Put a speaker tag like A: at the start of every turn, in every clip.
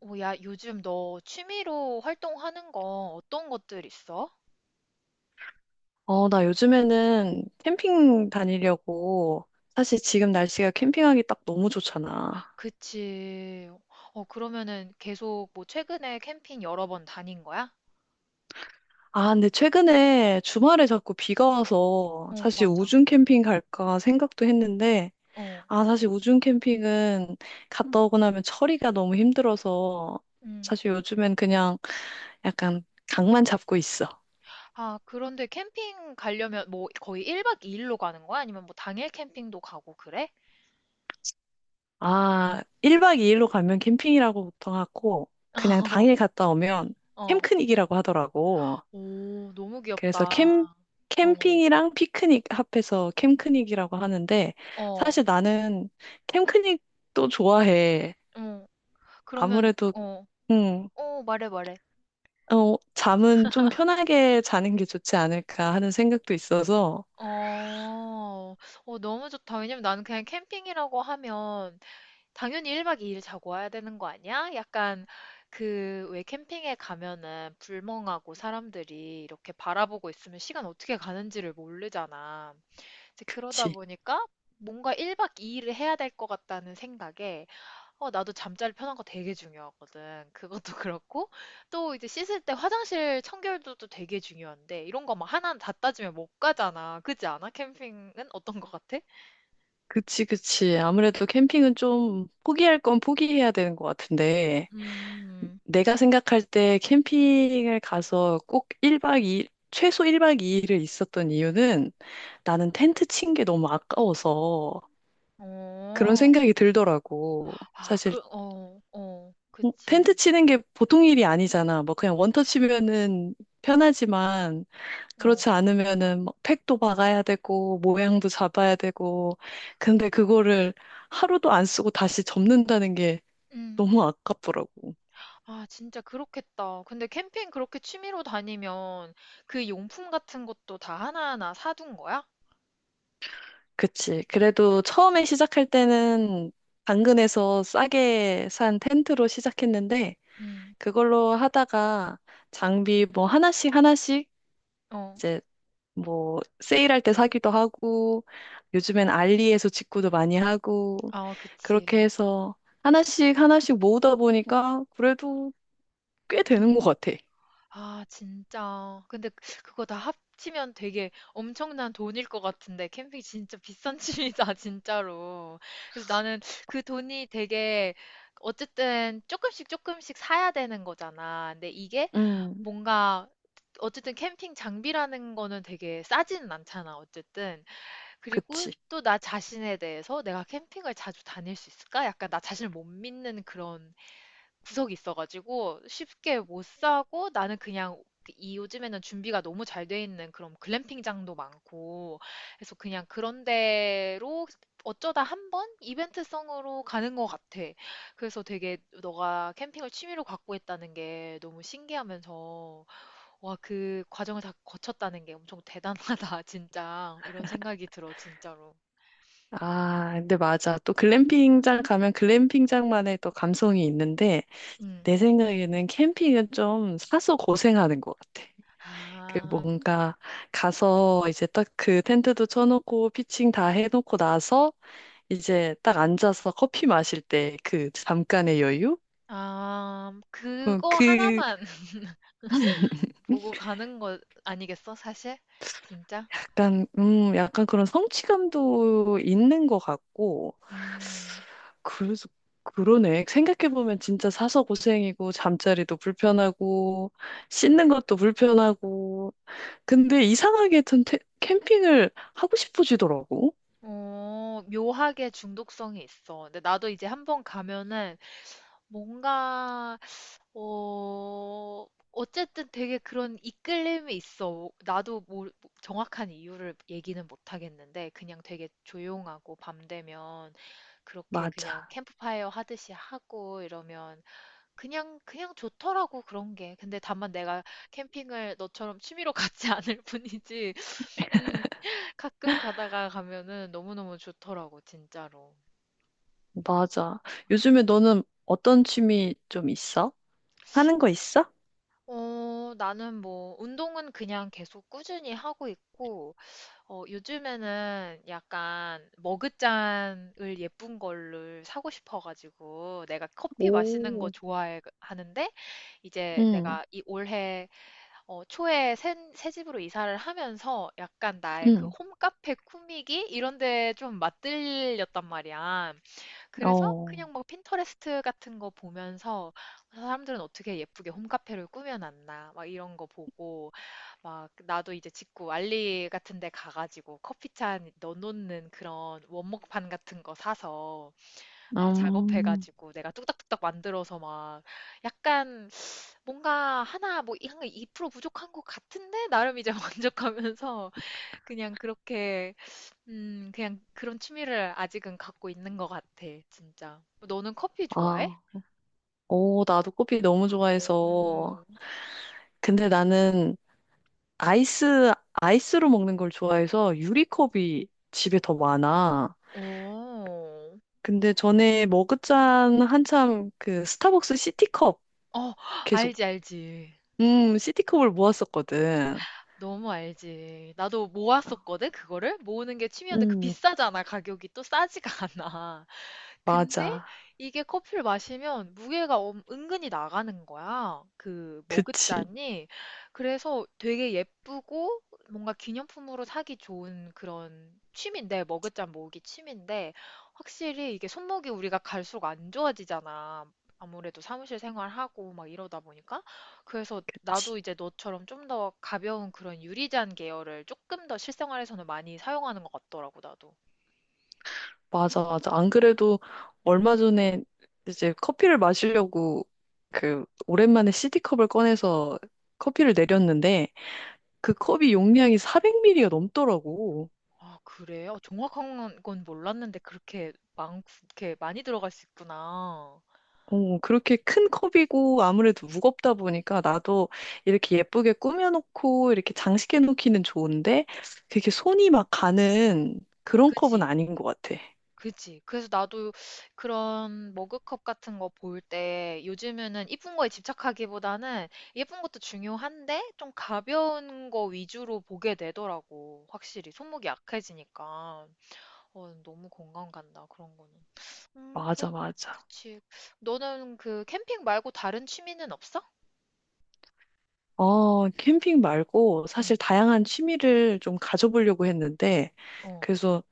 A: 오, 야, 요즘 너 취미로 활동하는 거 어떤 것들 있어?
B: 나 요즘에는 캠핑 다니려고. 사실 지금 날씨가 캠핑하기 딱 너무 좋잖아.
A: 그치. 어, 그러면은 계속 뭐 최근에 캠핑 여러 번 다닌 거야?
B: 아, 근데 최근에 주말에 자꾸 비가 와서
A: 어,
B: 사실
A: 맞아.
B: 우중 캠핑 갈까 생각도 했는데,
A: 어.
B: 아, 사실 우중 캠핑은 갔다 오고 나면 처리가 너무 힘들어서
A: 음.
B: 사실 요즘엔 그냥 약간 강만 잡고 있어.
A: 아, 그런데 캠핑 가려면 뭐 거의 1박 2일로 가는 거야? 아니면 뭐 당일 캠핑도 가고 그래?
B: 아, 1박 2일로 가면 캠핑이라고 보통 하고, 그냥 당일 갔다 오면
A: 어.
B: 캠크닉이라고 하더라고.
A: 오, 너무
B: 그래서
A: 귀엽다.
B: 캠,
A: 어.
B: 캠핑이랑 피크닉 합해서 캠크닉이라고 하는데,
A: 어.
B: 사실 나는 캠크닉도 좋아해.
A: 응. 그러면
B: 아무래도,
A: 어.
B: 음,
A: 어, 말해 말해.
B: 잠은 좀 편하게 자는 게 좋지 않을까 하는 생각도 있어서,
A: 어, 어, 너무 좋다. 왜냐면 나는 그냥 캠핑이라고 하면 당연히 1박 2일 자고 와야 되는 거 아니야? 약간 그 왜 캠핑에 가면은 불멍하고 사람들이 이렇게 바라보고 있으면 시간 어떻게 가는지를 모르잖아. 이제 그러다
B: 그치.
A: 보니까 뭔가 1박 2일을 해야 될 것 같다는 생각에 어, 나도 잠자리 편한 거 되게 중요하거든. 그것도 그렇고, 또 이제 씻을 때 화장실 청결도 또 되게 중요한데, 이런 거 막 하나 다 따지면 못 가잖아. 그지 않아? 캠핑은 어떤 거 같아?
B: 그치, 그치. 아무래도 캠핑은 좀 포기할 건 포기해야 되는 것 같은데,
A: 음,
B: 내가 생각할 때 캠핑을 가서 꼭 일박 이 일 최소 1박 2일을 있었던 이유는 나는 텐트 친 게 너무 아까워서 그런
A: 어,
B: 생각이 들더라고.
A: 아,
B: 사실
A: 그, 어, 어, 그치.
B: 텐트 치는 게 보통 일이 아니잖아. 뭐 그냥 원터치면은 편하지만
A: 어,
B: 그렇지 않으면은 막 팩도 박아야 되고 모양도 잡아야 되고 근데 그거를 하루도 안 쓰고 다시 접는다는 게
A: 음.
B: 너무 아깝더라고.
A: 아, 진짜 그렇겠다. 근데 캠핑 그렇게 취미로 다니면 그 용품 같은 것도 다 하나하나 사둔 거야?
B: 그치. 그래도 처음에 시작할 때는 당근에서 싸게 산 텐트로 시작했는데
A: 음,
B: 그걸로 하다가 장비 뭐 하나씩 하나씩
A: 어,
B: 이제 뭐 세일할 때 사기도 하고 요즘엔 알리에서 직구도 많이 하고
A: 아,
B: 그렇게
A: 그치.
B: 해서 하나씩 하나씩 모으다 보니까 그래도 꽤 되는 것 같아.
A: 아, 진짜. 근데 그거 다 합치면 되게 엄청난 돈일 것 같은데, 캠핑 진짜 비싼 취미다, 진짜로. 그래서 나는 그 돈이 되게, 어쨌든 조금씩 조금씩 사야 되는 거잖아. 근데 이게
B: 음,
A: 뭔가, 어쨌든 캠핑 장비라는 거는 되게 싸지는 않잖아, 어쨌든. 그리고
B: 그치.
A: 또 나 자신에 대해서 내가 캠핑을 자주 다닐 수 있을까? 약간 나 자신을 못 믿는 그런 구석이 있어가지고 쉽게 못 사고 나는 그냥 이 요즘에는 준비가 너무 잘 돼 있는 그런 글램핑장도 많고 그래서 그냥 그런 데로 어쩌다 한번 이벤트성으로 가는 것 같아. 그래서 되게 너가 캠핑을 취미로 갖고 있다는 게 너무 신기하면서 와, 그 과정을 다 거쳤다는 게 엄청 대단하다, 진짜. 이런 생각이 들어, 진짜로.
B: 아, 근데 맞아. 또 글램핑장 가면 글램핑장만의 또 감성이 있는데
A: 음.
B: 내 생각에는 캠핑은 좀 사서 고생하는 것 같아. 그
A: 아,
B: 뭔가 가서 이제 딱 그 텐트도 쳐놓고 피칭 다 해놓고 나서 이제 딱 앉아서 커피 마실 때 그 잠깐의 여유?
A: 아,
B: 어,
A: 그거
B: 그
A: 하나만. 보고 가는 거 아니겠어, 사실? 진짜?
B: 약간 그런 성취감도 있는 것 같고
A: 음,
B: 그래서 그러네 생각해 보면 진짜 사서 고생이고 잠자리도 불편하고 씻는 것도 불편하고 근데 이상하게 캠핑을 하고 싶어지더라고.
A: 어, 묘하게 중독성이 있어. 근데 나도 이제 한 번 가면은 뭔가, 어, 어쨌든 되게 그런 이끌림이 있어. 나도 뭐 정확한 이유를 얘기는 못 하겠는데, 그냥 되게 조용하고 밤 되면 그렇게
B: 맞아,
A: 그냥 캠프파이어 하듯이 하고 이러면 그냥 그냥 좋더라고 그런 게. 근데 다만 내가 캠핑을 너처럼 취미로 가지 않을 뿐이지. 음, 가끔 가다가 가면은 너무너무 좋더라고 진짜로.
B: 맞아. 요즘에 너는 어떤 취미 좀 있어? 하는 거 있어?
A: 어, 나는 뭐, 운동은 그냥 계속 꾸준히 하고 있고, 어, 요즘에는 약간 머그잔을 예쁜 걸를 사고 싶어가지고, 내가 커피 마시는 거
B: 오,
A: 좋아하는데, 이제
B: 응,
A: 내가 이 올해 어, 초에 새 집으로 이사를 하면서 약간 나의 그
B: 응.
A: 홈카페 꾸미기 이런 데 좀 맞들렸단 말이야. 그래서
B: 어,
A: 그냥 막 핀터레스트 같은 거 보면서 사람들은 어떻게 예쁘게 홈카페를 꾸며놨나 막 이런 거 보고 막 나도 이제 직구 알리 같은 데 가가지고 커피잔 넣어놓는 그런 원목판 같은 거 사서 막
B: 음,
A: 작업해가지고 내가 뚝딱뚝딱 만들어서 막 약간 뭔가 하나 뭐 한 2% 부족한 것 같은데 나름 이제 만족하면서 그냥 그렇게 그냥 그런 취미를 아직은 갖고 있는 것 같아 진짜. 너는 커피 좋아해?
B: 아, 오, 나도 커피 너무 좋아해서.
A: 오.
B: 근데 나는 아이스로 먹는 걸 좋아해서 유리컵이 집에 더 많아.
A: 오.
B: 근데 전에 머그잔 한참 그 스타벅스 시티컵
A: 어,
B: 계속,
A: 알지 알지.
B: 시티컵을 모았었거든.
A: 너무 알지. 나도 모았었거든 그거를 모으는 게 취미였는데 그
B: 음,
A: 비싸잖아 가격이 또 싸지가 않아. 근데
B: 맞아.
A: 이게 커피를 마시면 무게가 은근히 나가는 거야. 그
B: 그치.
A: 머그잔이. 그래서 되게 예쁘고 뭔가 기념품으로 사기 좋은 그런 취미인데, 머그잔 모으기 취미인데, 확실히 이게 손목이 우리가 갈수록 안 좋아지잖아. 아무래도 사무실 생활하고 막 이러다 보니까. 그래서 나도 이제 너처럼 좀 더 가벼운 그런 유리잔 계열을 조금 더 실생활에서는 많이 사용하는 것 같더라고, 나도.
B: 맞아, 맞아. 안 그래도 얼마 전에 이제 커피를 마시려고 그 오랜만에 CD컵을 꺼내서 커피를 내렸는데 그 컵이 용량이 400ml가 넘더라고.
A: 아 그래요? 정확한 건 몰랐는데 그렇게 많고 이렇게 많이 들어갈 수 있구나.
B: 어, 그렇게 큰 컵이고 아무래도 무겁다 보니까 나도 이렇게 예쁘게 꾸며놓고 이렇게 장식해 놓기는 좋은데 되게 손이 막 가는 그런 컵은
A: 그지,
B: 아닌 것 같아.
A: 그지. 그래서 나도 그런 머그컵 같은 거 볼 때 요즘에는 이쁜 거에 집착하기보다는 예쁜 것도 중요한데 좀 가벼운 거 위주로 보게 되더라고. 확실히 손목이 약해지니까. 어, 너무 공감 간다. 그런 거는. 그렇,
B: 맞아, 맞아.
A: 그치. 너는 그 캠핑 말고 다른 취미는 없어?
B: 캠핑 말고
A: 응.
B: 사실 다양한 취미를 좀 가져보려고 했는데,
A: 어.
B: 그래서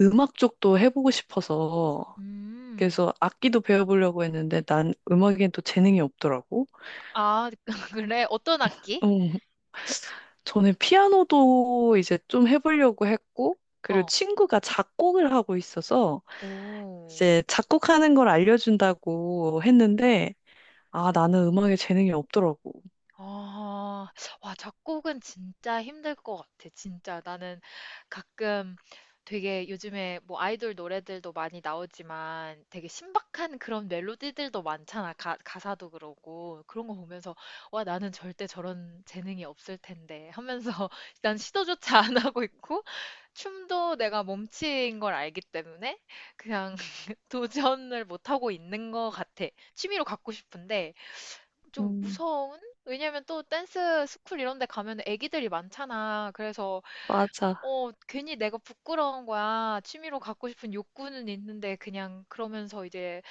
B: 음악 쪽도 해보고 싶어서,
A: 음.
B: 그래서 악기도 배워보려고 했는데, 난 음악엔 또 재능이 없더라고.
A: 아, 그래? 어떤 악기?
B: 음, 저는 피아노도 이제 좀 해보려고 했고, 그리고
A: 어.
B: 친구가 작곡을 하고 있어서,
A: 오,
B: 이제 작곡하는 걸 알려준다고 했는데, 아, 나는 음악에 재능이 없더라고.
A: 아, 와, 작곡은 진짜 힘들 것 같아. 진짜 나는 가끔 되게 요즘에 뭐 아이돌 노래들도 많이 나오지만 되게 신박한 그런 멜로디들도 많잖아. 가사도 그러고. 그런 거 보면서 와, 나는 절대 저런 재능이 없을 텐데 하면서 난 시도조차 안 하고 있고 춤도 내가 몸치인 걸 알기 때문에 그냥 도전을 못하고 있는 것 같아. 취미로 갖고 싶은데 좀
B: 음,
A: 무서운? 왜냐면 또 댄스 스쿨 이런 데 가면 애기들이 많잖아. 그래서
B: 맞아.
A: 어, 괜히 내가 부끄러운 거야. 취미로 갖고 싶은 욕구는 있는데 그냥 그러면서 이제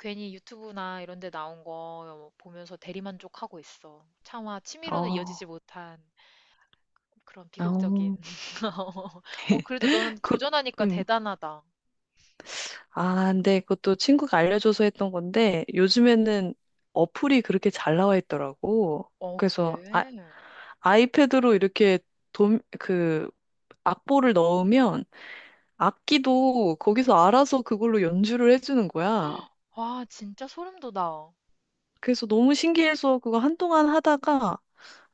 A: 괜히 유튜브나 이런 데 나온 거 보면서 대리만족하고 있어. 차마 취미로는
B: 어,
A: 이어지지 못한. 그런 비극적인.
B: 어.
A: 어 그래도 너는
B: 그,
A: 도전하니까
B: 음.
A: 대단하다.
B: 아, 근데 그것도 친구가 알려줘서 했던 건데 요즘에는 어플이 그렇게 잘 나와 있더라고.
A: 어
B: 그래서 아,
A: 그래?
B: 아이패드로 이렇게 그 악보를 넣으면 악기도 거기서 알아서 그걸로 연주를 해주는 거야.
A: 와 진짜 소름 돋아.
B: 그래서 너무 신기해서 그거 한동안 하다가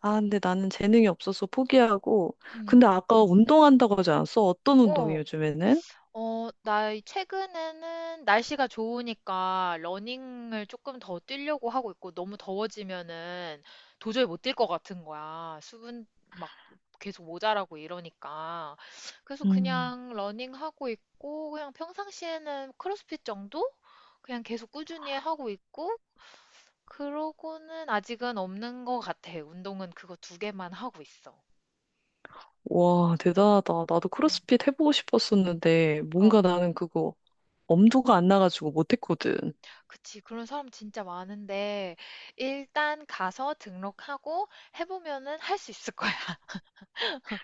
B: 아, 근데 나는 재능이 없어서 포기하고.
A: 음.
B: 근데 아까 운동한다고 하지 않았어? 어떤 운동이
A: 어.
B: 요즘에는?
A: 어, 나 최근에는 날씨가 좋으니까 러닝을 조금 더 뛰려고 하고 있고 너무 더워지면은 도저히 못 뛸 것 같은 거야. 수분 막 계속 모자라고 이러니까. 그래서
B: 음.
A: 그냥 러닝하고 있고 그냥 평상시에는 크로스핏 정도? 그냥 계속 꾸준히 하고 있고 그러고는 아직은 없는 것 같아. 운동은 그거 두 개만 하고 있어.
B: 와, 대단하다. 나도
A: 음.
B: 크로스핏 해보고 싶었었는데,
A: 어,
B: 뭔가 나는 그거 엄두가 안 나가지고 못했거든.
A: 그치. 그런 사람 진짜 많은데, 일단 가서 등록하고 해보면은 할 수 있을 거야.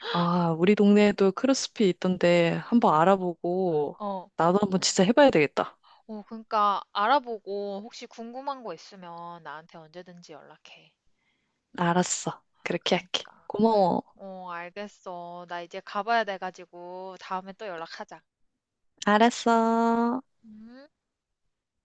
B: 아, 우리 동네에도 크로스핏 있던데 한번
A: 어,
B: 알아보고
A: 어,
B: 나도 한번 진짜 해봐야 되겠다.
A: 어, 그러니까 알아보고 혹시 궁금한 거 있으면 나한테 언제든지 연락해.
B: 알았어. 그렇게 할게.
A: 그러니까.
B: 고마워.
A: 어, 알겠어. 나 이제 가봐야 돼가지고 다음에 또 연락하자.
B: 알았어.
A: 음.